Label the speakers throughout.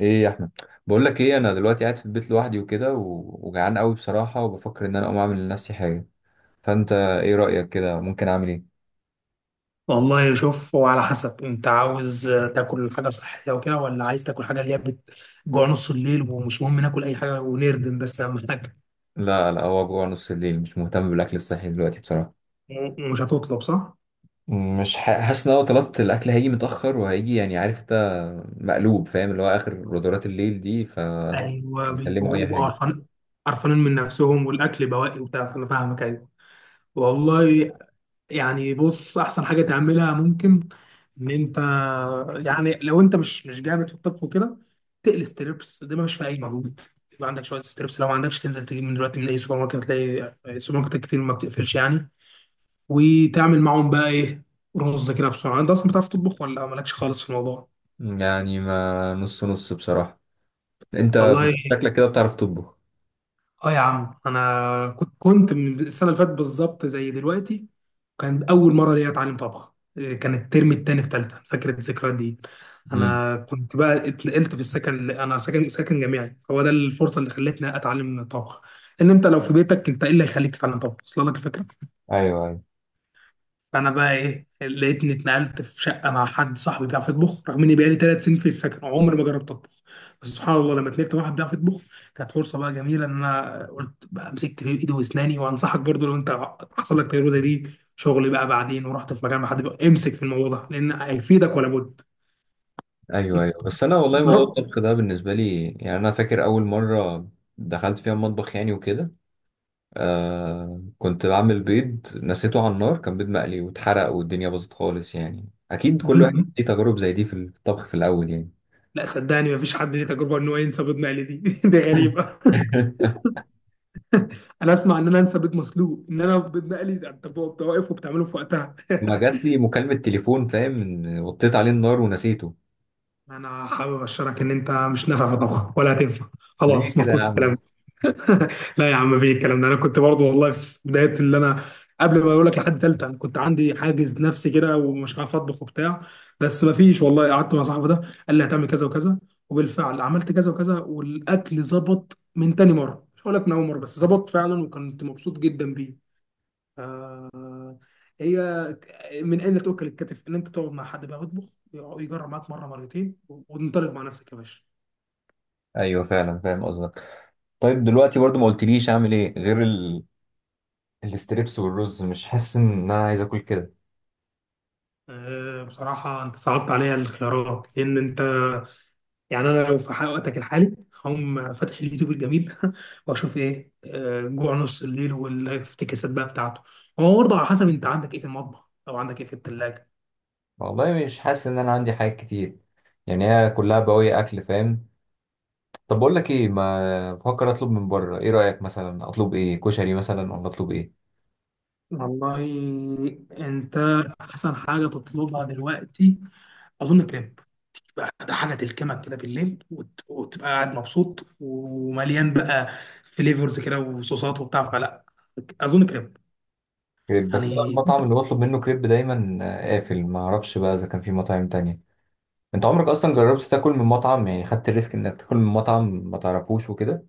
Speaker 1: ايه يا احمد؟ بقول لك ايه، انا دلوقتي قاعد في البيت لوحدي وكده، وجعان قوي بصراحه، وبفكر ان انا اقوم اعمل لنفسي حاجه. فانت ايه رايك كده؟ ممكن اعمل ايه؟
Speaker 2: والله شوف، هو على حسب انت عاوز تاكل حاجه صحيه وكده، ولا عايز تاكل حاجه اللي هي بتجوع نص الليل ومش مهم ناكل اي حاجه ونردم، بس اهم حاجه.
Speaker 1: لا لا، هو جوع نص الليل، مش مهتم بالاكل الصحي دلوقتي بصراحه.
Speaker 2: مش هتطلب، صح؟
Speaker 1: مش حاسس ان انا لو طلبت الاكل هيجي متاخر، وهيجي يعني، عارف انت. مقلوب، فاهم؟ اللي هو اخر غدرات الليل دي،
Speaker 2: ايوه،
Speaker 1: بيكلموا
Speaker 2: بيبقوا
Speaker 1: اي
Speaker 2: بيبقوا
Speaker 1: حاجه.
Speaker 2: قرفان، قرفانين من نفسهم والاكل بواقي وبتاع، فانا فاهمك، ايوه والله. يعني بص، احسن حاجه تعملها ممكن ان انت، يعني لو انت مش جامد في الطبخ وكده، تقلي ستريبس، ده مش في اي مجهود. يبقى عندك شويه ستريبس، لو ما عندكش تنزل تجيب من دلوقتي من اي سوبر ماركت، هتلاقي السوبر ماركت كتير ما بتقفلش يعني، وتعمل معاهم بقى ايه، رز كده بسرعه. انت اصلا بتعرف تطبخ ولا مالكش خالص في الموضوع؟
Speaker 1: يعني ما نص نص بصراحه. انت
Speaker 2: والله
Speaker 1: شكلك كده بتعرف تطبخ.
Speaker 2: اه يا عم، انا كنت من السنه اللي فاتت بالظبط زي دلوقتي، كان اول مره ليا اتعلم طبخ كان الترم التاني في تالتة، فاكر الذكريات دي.
Speaker 1: امم.
Speaker 2: انا كنت بقى اتنقلت في السكن، اللي انا ساكن جامعي، فهو ده الفرصه اللي خلتني اتعلم طبخ. ان انت لو في بيتك، انت ايه اللي هيخليك تتعلم طبخ اصلا؟ لك الفكره.
Speaker 1: ايوه أيوة.
Speaker 2: فانا بقى ايه، لقيتني اتنقلت في شقه مع حد صاحبي بيعرف يطبخ، رغم اني بقالي ثلاث سنين في السكن عمري ما جربت اطبخ. بس سبحان الله، لما اتنقلت مع واحد بيعرف يطبخ كانت فرصه بقى جميله، ان انا قلت بقى مسكت في ايدي واسناني. وانصحك برضو، لو انت حصل لك تجربه زي دي، شغل بقى، بعدين ورحت في مكان مع حد بقى، امسك في الموضوع ده لان هيفيدك ولا بد.
Speaker 1: ايوه ايوه، بس انا والله موضوع
Speaker 2: ضرب
Speaker 1: الطبخ ده بالنسبه لي، يعني انا فاكر اول مره دخلت فيها المطبخ، يعني وكده. كنت بعمل بيض نسيته على النار، كان بيض مقلي واتحرق والدنيا باظت خالص، يعني اكيد كل واحد
Speaker 2: ضرب-
Speaker 1: ليه تجارب زي دي في الطبخ في الاول يعني.
Speaker 2: لا صدقني، مفيش حد ليه تجربه ان هو ينسى بيض مقلي دي. دي غريبه. انا اسمع ان انا انسى بيض مسلوق، ان انا بيض مقلي ده انت بتبقى واقف وبتعمله في وقتها.
Speaker 1: ما جات لي مكالمه تليفون، فاهم؟ إن وطيت عليه النار ونسيته.
Speaker 2: انا حابب ابشرك ان انت مش نافع في طبخ ولا هتنفع،
Speaker 1: ليه
Speaker 2: خلاص
Speaker 1: كده
Speaker 2: مفقود
Speaker 1: يا عم
Speaker 2: الكلام
Speaker 1: بس؟
Speaker 2: ده. لا يا عم، مفيش الكلام ده. انا كنت برضو والله في بدايه اللي انا، قبل ما اقول لك لحد ثالثه، انا كنت عندي حاجز نفسي كده ومش عارف اطبخ وبتاع. بس مفيش والله، قعدت مع صاحبي ده، قال لي هتعمل كذا وكذا، وبالفعل عملت كذا وكذا، والاكل ظبط من تاني مره، مش هقول لك من اول مره، بس ظبط فعلا وكنت مبسوط جدا بيه. هي من اين تؤكل الكتف، ان انت تقعد مع حد بقى يطبخ، يجرب معاك مره مرتين وتنطلق مع نفسك يا باشا.
Speaker 1: ايوه فعلا فاهم قصدك. طيب دلوقتي برضو ما قلتليش اعمل ايه غير الاستريبس والرز. مش حاسس ان انا عايز اكل كده.
Speaker 2: بصراحة أنت صعبت عليا الاختيارات، لأن أنت، يعني أنا لو في وقتك الحالي هقوم فاتح اليوتيوب الجميل وأشوف إيه، جوع نص الليل والافتكاسات بقى بتاعته. هو برضه على حسب أنت عندك إيه في المطبخ، أو عندك إيه في التلاجة.
Speaker 1: والله مش حاسس ان انا عندي حاجات كتير، يعني هي كلها بواقي اكل، فاهم. طب بقول لك ايه، ما بفكر اطلب من بره. ايه رايك مثلا؟ اطلب ايه؟ كشري مثلا؟ ولا اطلب ايه؟
Speaker 2: والله أنت أحسن حاجة تطلبها دلوقتي أظن كريب، بقى ده حاجة تلكمك كده بالليل وتبقى قاعد مبسوط ومليان بقى، فليفرز كده وصوصات وبتاع فلا، أظن كريب
Speaker 1: كريب. بس انا
Speaker 2: يعني.
Speaker 1: المطعم اللي بطلب منه كريب دايما قافل، ما اعرفش بقى اذا كان في مطاعم تانية. انت عمرك اصلا جربت تاكل من مطعم؟ يعني خدت الريسك انك تاكل من مطعم ما تعرفوش وكده؟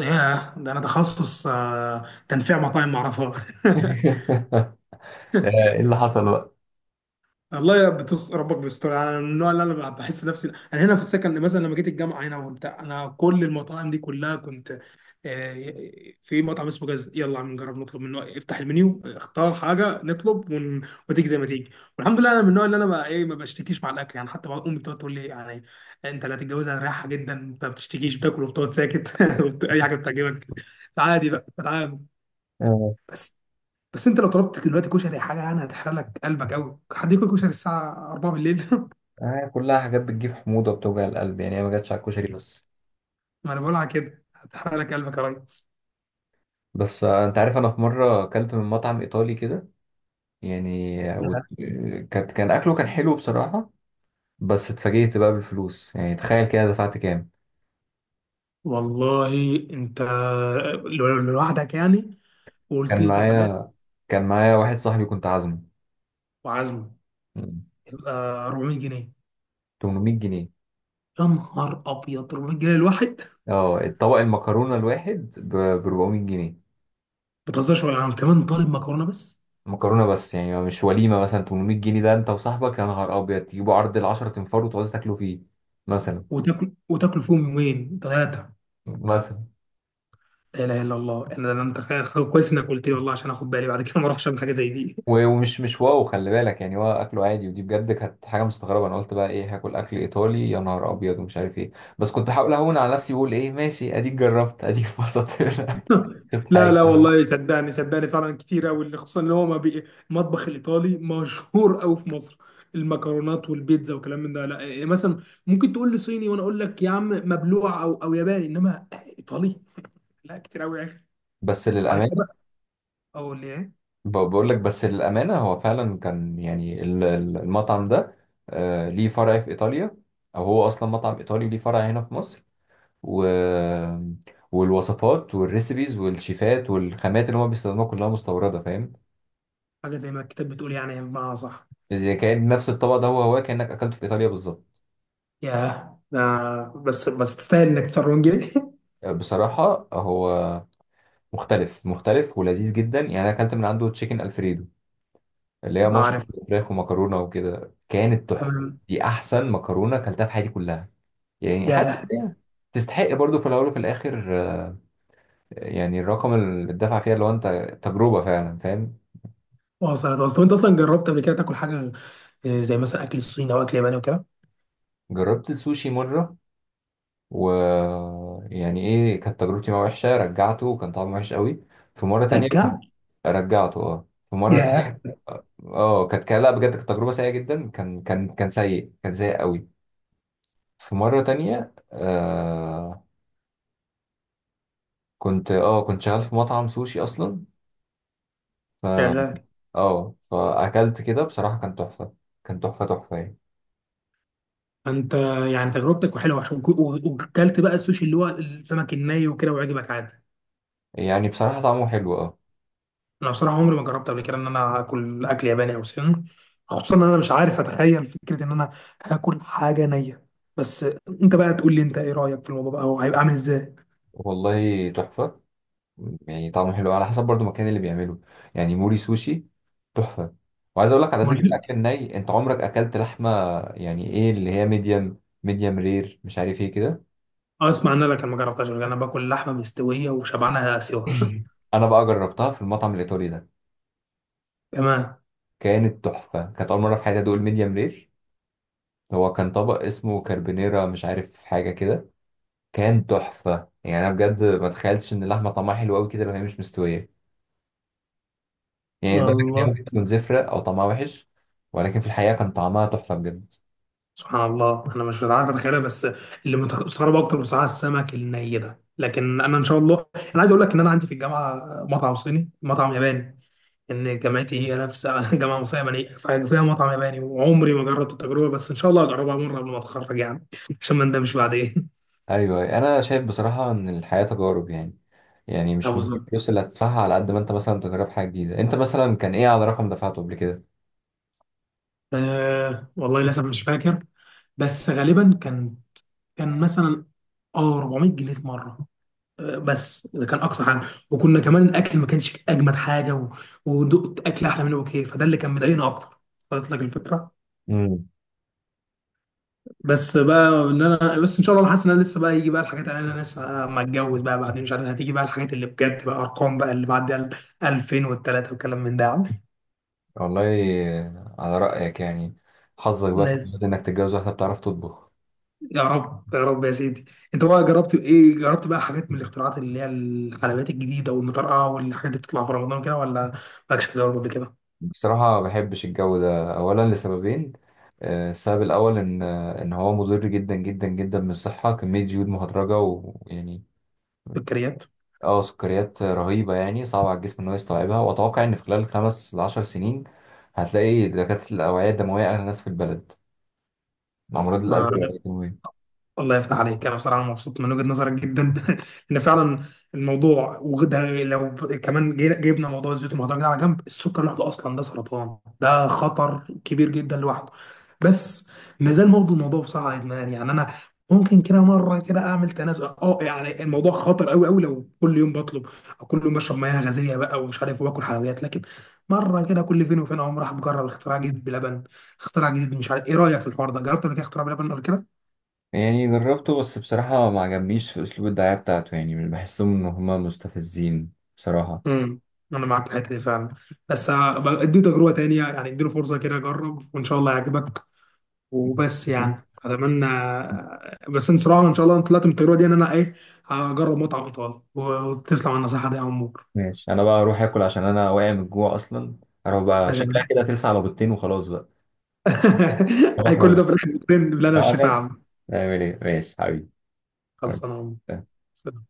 Speaker 2: ياه، ده انا تخصص تنفيع مطاعم معرفة.
Speaker 1: آه، ايه اللي حصل بقى؟
Speaker 2: والله يا بتوص ربك بيستر، انا من النوع اللي انا بحس نفسي، انا هنا في السكن مثلا لما جيت الجامعه هنا وبتاع، انا كل المطاعم دي كلها كنت آه، في مطعم اسمه جاز، يلا عم نجرب نطلب منه، افتح المنيو، اختار حاجه نطلب. وتيجي زي ما تيجي. والحمد لله، انا من النوع اللي انا بقى ايه، ما بشتكيش مع الاكل يعني، حتى بقى امي بتقعد تقول لي يعني، انت لا تتجوز هتريحها جدا، انت ما بتشتكيش بتاكل وبتقعد ساكت، اي حاجه بتعجبك عادي بقى بتعامل.
Speaker 1: آه.
Speaker 2: بس انت لو طلبت دلوقتي كشري حاجه، يعني هتحرق لك قلبك قوي، حد ياكل كشري الساعه 4 بالليل؟
Speaker 1: كلها حاجات بتجيب حموضه بتوجع القلب، يعني هي ما جاتش على الكشري بس.
Speaker 2: ما انا بقول على كده هتحرق لك قلبك يا ريس.
Speaker 1: بس انت عارف انا في مره اكلت من مطعم ايطالي كده، يعني
Speaker 2: لا
Speaker 1: كان اكله كان حلو بصراحه. بس اتفاجئت بقى بالفلوس، يعني تخيل كده دفعت كام؟
Speaker 2: والله، انت لوحدك يعني، وقلت
Speaker 1: كان
Speaker 2: لي تفاجأت
Speaker 1: معايا، واحد صاحبي كنت عازمه.
Speaker 2: وعزمه،
Speaker 1: مم.
Speaker 2: يبقى 400 جنيه.
Speaker 1: 800 جنيه.
Speaker 2: يا نهار ابيض، 400 جنيه الواحد، ما
Speaker 1: اه طبق المكرونه الواحد ب 400 جنيه.
Speaker 2: بتهزرش، ولا يعني كمان طالب مكرونه بس؟
Speaker 1: مكرونه بس يعني؟ مش وليمه. مثلا 800 جنيه، ده انت وصاحبك يا نهار ابيض تجيبوا عرض ال 10 تنفار وتقعدوا تاكلوا فيه مثلا،
Speaker 2: وتاكل وتاكل فيهم يومين ثلاثه.
Speaker 1: مثلا
Speaker 2: لا اله الا الله، انا متخيل. كويس انك قلت لي والله، عشان اخد بالي بعد كده ما اروحش اعمل حاجه زي دي.
Speaker 1: ومش مش واو، خلي بالك يعني هو اكله عادي، ودي بجد كانت حاجه مستغربه. انا قلت بقى ايه، هاكل اكل ايطالي يا نهار ابيض، ومش عارف ايه. بس كنت بحاول اهون على نفسي بقول ايه، ماشي، اديك جربت اديك اتبسطت. شفت حاجه
Speaker 2: لا لا
Speaker 1: جديده؟
Speaker 2: والله، صدقني صدقني، فعلا كتير قوي، خصوصا ان هو ما بي... المطبخ الايطالي مشهور قوي في مصر، المكرونات والبيتزا وكلام من ده. لا مثلا ممكن تقول لي صيني وانا اقول لك يا عم مبلوع، او ياباني، انما ايطالي، لا كتير قوي يا اخي.
Speaker 1: بس
Speaker 2: على كده
Speaker 1: للامانه،
Speaker 2: بقى اقول لي ايه؟
Speaker 1: بقول لك، بس للامانه، هو فعلا كان يعني المطعم ده ليه فرع في ايطاليا، او هو اصلا مطعم ايطالي ليه فرع هنا في مصر. و والوصفات والريسبيز والشيفات والخامات اللي هم بيستخدموها كلها مستورده، فاهم؟
Speaker 2: حاجه زي ما الكتاب بتقول يعني، بمعنى صح.
Speaker 1: إذا كان نفس الطبق ده، هو هو كأنك أكلته في إيطاليا بالظبط.
Speaker 2: ياه، آه بس بس تستاهل انك تفرون جري.
Speaker 1: بصراحة هو مختلف، مختلف ولذيذ جدا، يعني أنا أكلت من عنده تشيكن ألفريدو، اللي هي
Speaker 2: عارف،
Speaker 1: مشروم وفراخ ومكرونة وكده، كانت تحفة.
Speaker 2: تمام.
Speaker 1: دي أحسن مكرونة أكلتها في حياتي كلها، يعني حاسس
Speaker 2: ياه،
Speaker 1: إن هي تستحق برضو، في الأول وفي الآخر، يعني الرقم اللي اتدفع فيها، اللي هو أنت تجربة فعلا، فاهم.
Speaker 2: وصلت وصلت. وانت اصلا جربت قبل كده تاكل حاجه زي مثلا اكل الصيني او اكل ياباني وكده؟
Speaker 1: جربت السوشي مرة، و يعني إيه كانت تجربتي معاه، وحشة. رجعته وكان طعمه وحش قوي. في مرة تانية كنت،
Speaker 2: رجعت؟
Speaker 1: رجعته اه، في مرة
Speaker 2: ياه.
Speaker 1: تانية. اه كانت لا بجد كانت تجربه سيئه جدا، كان سيء، كان سيء قوي. في مره تانية آه، كنت شغال في مطعم سوشي اصلا، ف
Speaker 2: شغال؟
Speaker 1: اه فاكلت كده بصراحه كان تحفه. كان تحفه، تحفه يعني.
Speaker 2: فانت يعني تجربتك حلوه، عشان وكلت بقى السوشي اللي هو السمك الني وكده وعجبك عادي.
Speaker 1: يعني بصراحه طعمه حلو، اه.
Speaker 2: انا بصراحه عمري ما جربت قبل كده ان انا اكل اكل ياباني او صيني، خصوصا ان انا مش عارف اتخيل فكره ان انا هاكل حاجه نيه. بس انت بقى تقول لي انت ايه رايك في الموضوع بقى، وهيبقى عامل ازاي.
Speaker 1: والله تحفه، يعني طعمه حلو على حسب برضو المكان اللي بيعمله. يعني موري سوشي، تحفه. وعايز اقول لك على ذكر
Speaker 2: ملهم.
Speaker 1: الاكل الني، انت عمرك اكلت لحمه؟ يعني ايه، اللي هي ميديم رير، مش عارف ايه كده؟
Speaker 2: اسمع ان انا، لكن ما جربتهاش قبل كده، انا باكل لحمه مستويه وشبعانها سوا.
Speaker 1: انا بقى جربتها في المطعم الايطالي ده،
Speaker 2: تمام.
Speaker 1: كانت تحفه. كانت اول مره في حياتي ادوق الميديم رير. هو كان طبق اسمه كاربونيرا، مش عارف حاجه كده. كان تحفه، يعني انا بجد ما تخيلتش ان اللحمه طعمها حلو قوي كده لو هي مش مستويه. يعني بالك ان هي
Speaker 2: الله،
Speaker 1: ممكن تكون زفره او طعمها وحش، ولكن في الحقيقه كان طعمها تحفه بجد.
Speaker 2: سبحان الله، انا مش عارف اتخيلها. بس اللي مستغرب اكتر بصراحه السمك الني ده. لكن انا ان شاء الله، انا عايز اقول لك ان انا عندي في الجامعه مطعم صيني، مطعم ياباني، ان جامعتي هي نفس جامعه مصريه يابانيه فيها مطعم ياباني، وعمري ما جربت التجربه، بس ان شاء الله هجربها مره قبل ما اتخرج يعني، عشان ما ندمش بعدين.
Speaker 1: ايوه انا شايف بصراحه ان الحياه تجارب يعني، يعني
Speaker 2: اه
Speaker 1: مش ممكن
Speaker 2: بالظبط.
Speaker 1: الفلوس اللي هتدفعها على قد ما انت مثلا تجرب حاجه جديده. انت مثلا كان ايه على رقم دفعته قبل
Speaker 2: آه والله للاسف مش فاكر، بس غالبا كان مثلا اه 400 جنيه في مره، بس ده كان اقصى حاجه، وكنا كمان الاكل ما كانش اجمد حاجه، و... ودقت اكل احلى منه بكتير، فده اللي كان مضايقنا اكتر، قلت لك الفكره.
Speaker 1: كده؟
Speaker 2: بس بقى ان انا، بس ان شاء الله انا حاسس ان انا لسه بقى يجي بقى الحاجات، اللي انا لسه ما اتجوز بقى، بعدين مش عارف هتيجي بقى الحاجات اللي بجد بقى، ارقام بقى اللي بعد ال 2003 وكلام من ده يا عم.
Speaker 1: والله، على رأيك يعني. حظك بقى في
Speaker 2: ناس،
Speaker 1: الجواز إنك تتجوز واحدة بتعرف تطبخ.
Speaker 2: يا رب يا رب يا سيدي. انت بقى جربت ايه؟ جربت بقى حاجات من الاختراعات اللي هي الحلويات الجديده والمطرقه والحاجات اللي بتطلع في رمضان كده، ولا مالكش تجارب قبل كده؟
Speaker 1: بصراحة ما بحبش الجو ده، أولا لسببين. السبب الأول إن إن هو مضر جدا جدا جدا بالصحة، كمية زيوت مهدرجة ويعني
Speaker 2: سكريات.
Speaker 1: اه سكريات رهيبة، يعني صعب على الجسم إن هو يستوعبها. وأتوقع إن في خلال 5 ل10 سنين، هتلاقي دكاترة الأوعية الدموية أغنى ناس في البلد، مع أمراض القلب والأوعية الدموية.
Speaker 2: الله يفتح عليك، انا بصراحه مبسوط من وجهه نظرك جدا ان فعلا الموضوع، وده لو كمان جبنا موضوع الزيوت المهدرجه ده على جنب، السكر لوحده اصلا ده سرطان، ده خطر كبير جدا لوحده. بس مازال برضه الموضوع بصراحه ادمان يعني، انا ممكن كده مره كده اعمل تنازل، اه يعني الموضوع خطر قوي قوي لو كل يوم بطلب، او كل يوم بشرب مياه غازيه بقى ومش عارف واكل حلويات. لكن مره كده، كل فين وفين، اقوم راح مجرب اختراع جديد بلبن. اختراع جديد، مش عارف ايه رايك في الحوار ده، جربت قبل كده اختراع بلبن قبل كده؟
Speaker 1: يعني جربته، بس بصراحة ما عجبنيش في أسلوب الدعاية بتاعته، يعني مش بحسهم إن هما مستفزين بصراحة.
Speaker 2: امم. انا معاك في الحته دي فعلا، بس أبقى اديله تجربه تانية يعني، اديله فرصه كده، جرب وان شاء الله يعجبك، وبس يعني اتمنى. بس ان صراحه ان شاء الله انا طلعت من التجربه دي ان انا ايه، هجرب مطعم ايطالي، وتسلم على النصيحه دي يا عمور.
Speaker 1: ماشي، أنا بقى أروح آكل عشان أنا واقع من الجوع أصلا. أروح بقى،
Speaker 2: ماشي يا
Speaker 1: شكلها
Speaker 2: بلال.
Speaker 1: كده ترسى على بيضتين وخلاص بقى.
Speaker 2: هي
Speaker 1: صباح
Speaker 2: كل ده
Speaker 1: روح.
Speaker 2: في الاخر بتبان، اللي انا مش شايفها يا
Speaker 1: أعمل
Speaker 2: عم.
Speaker 1: أعمل إيه؟ ماشي حبيبي،
Speaker 2: خلصانه يا
Speaker 1: حبيبي.
Speaker 2: عمور.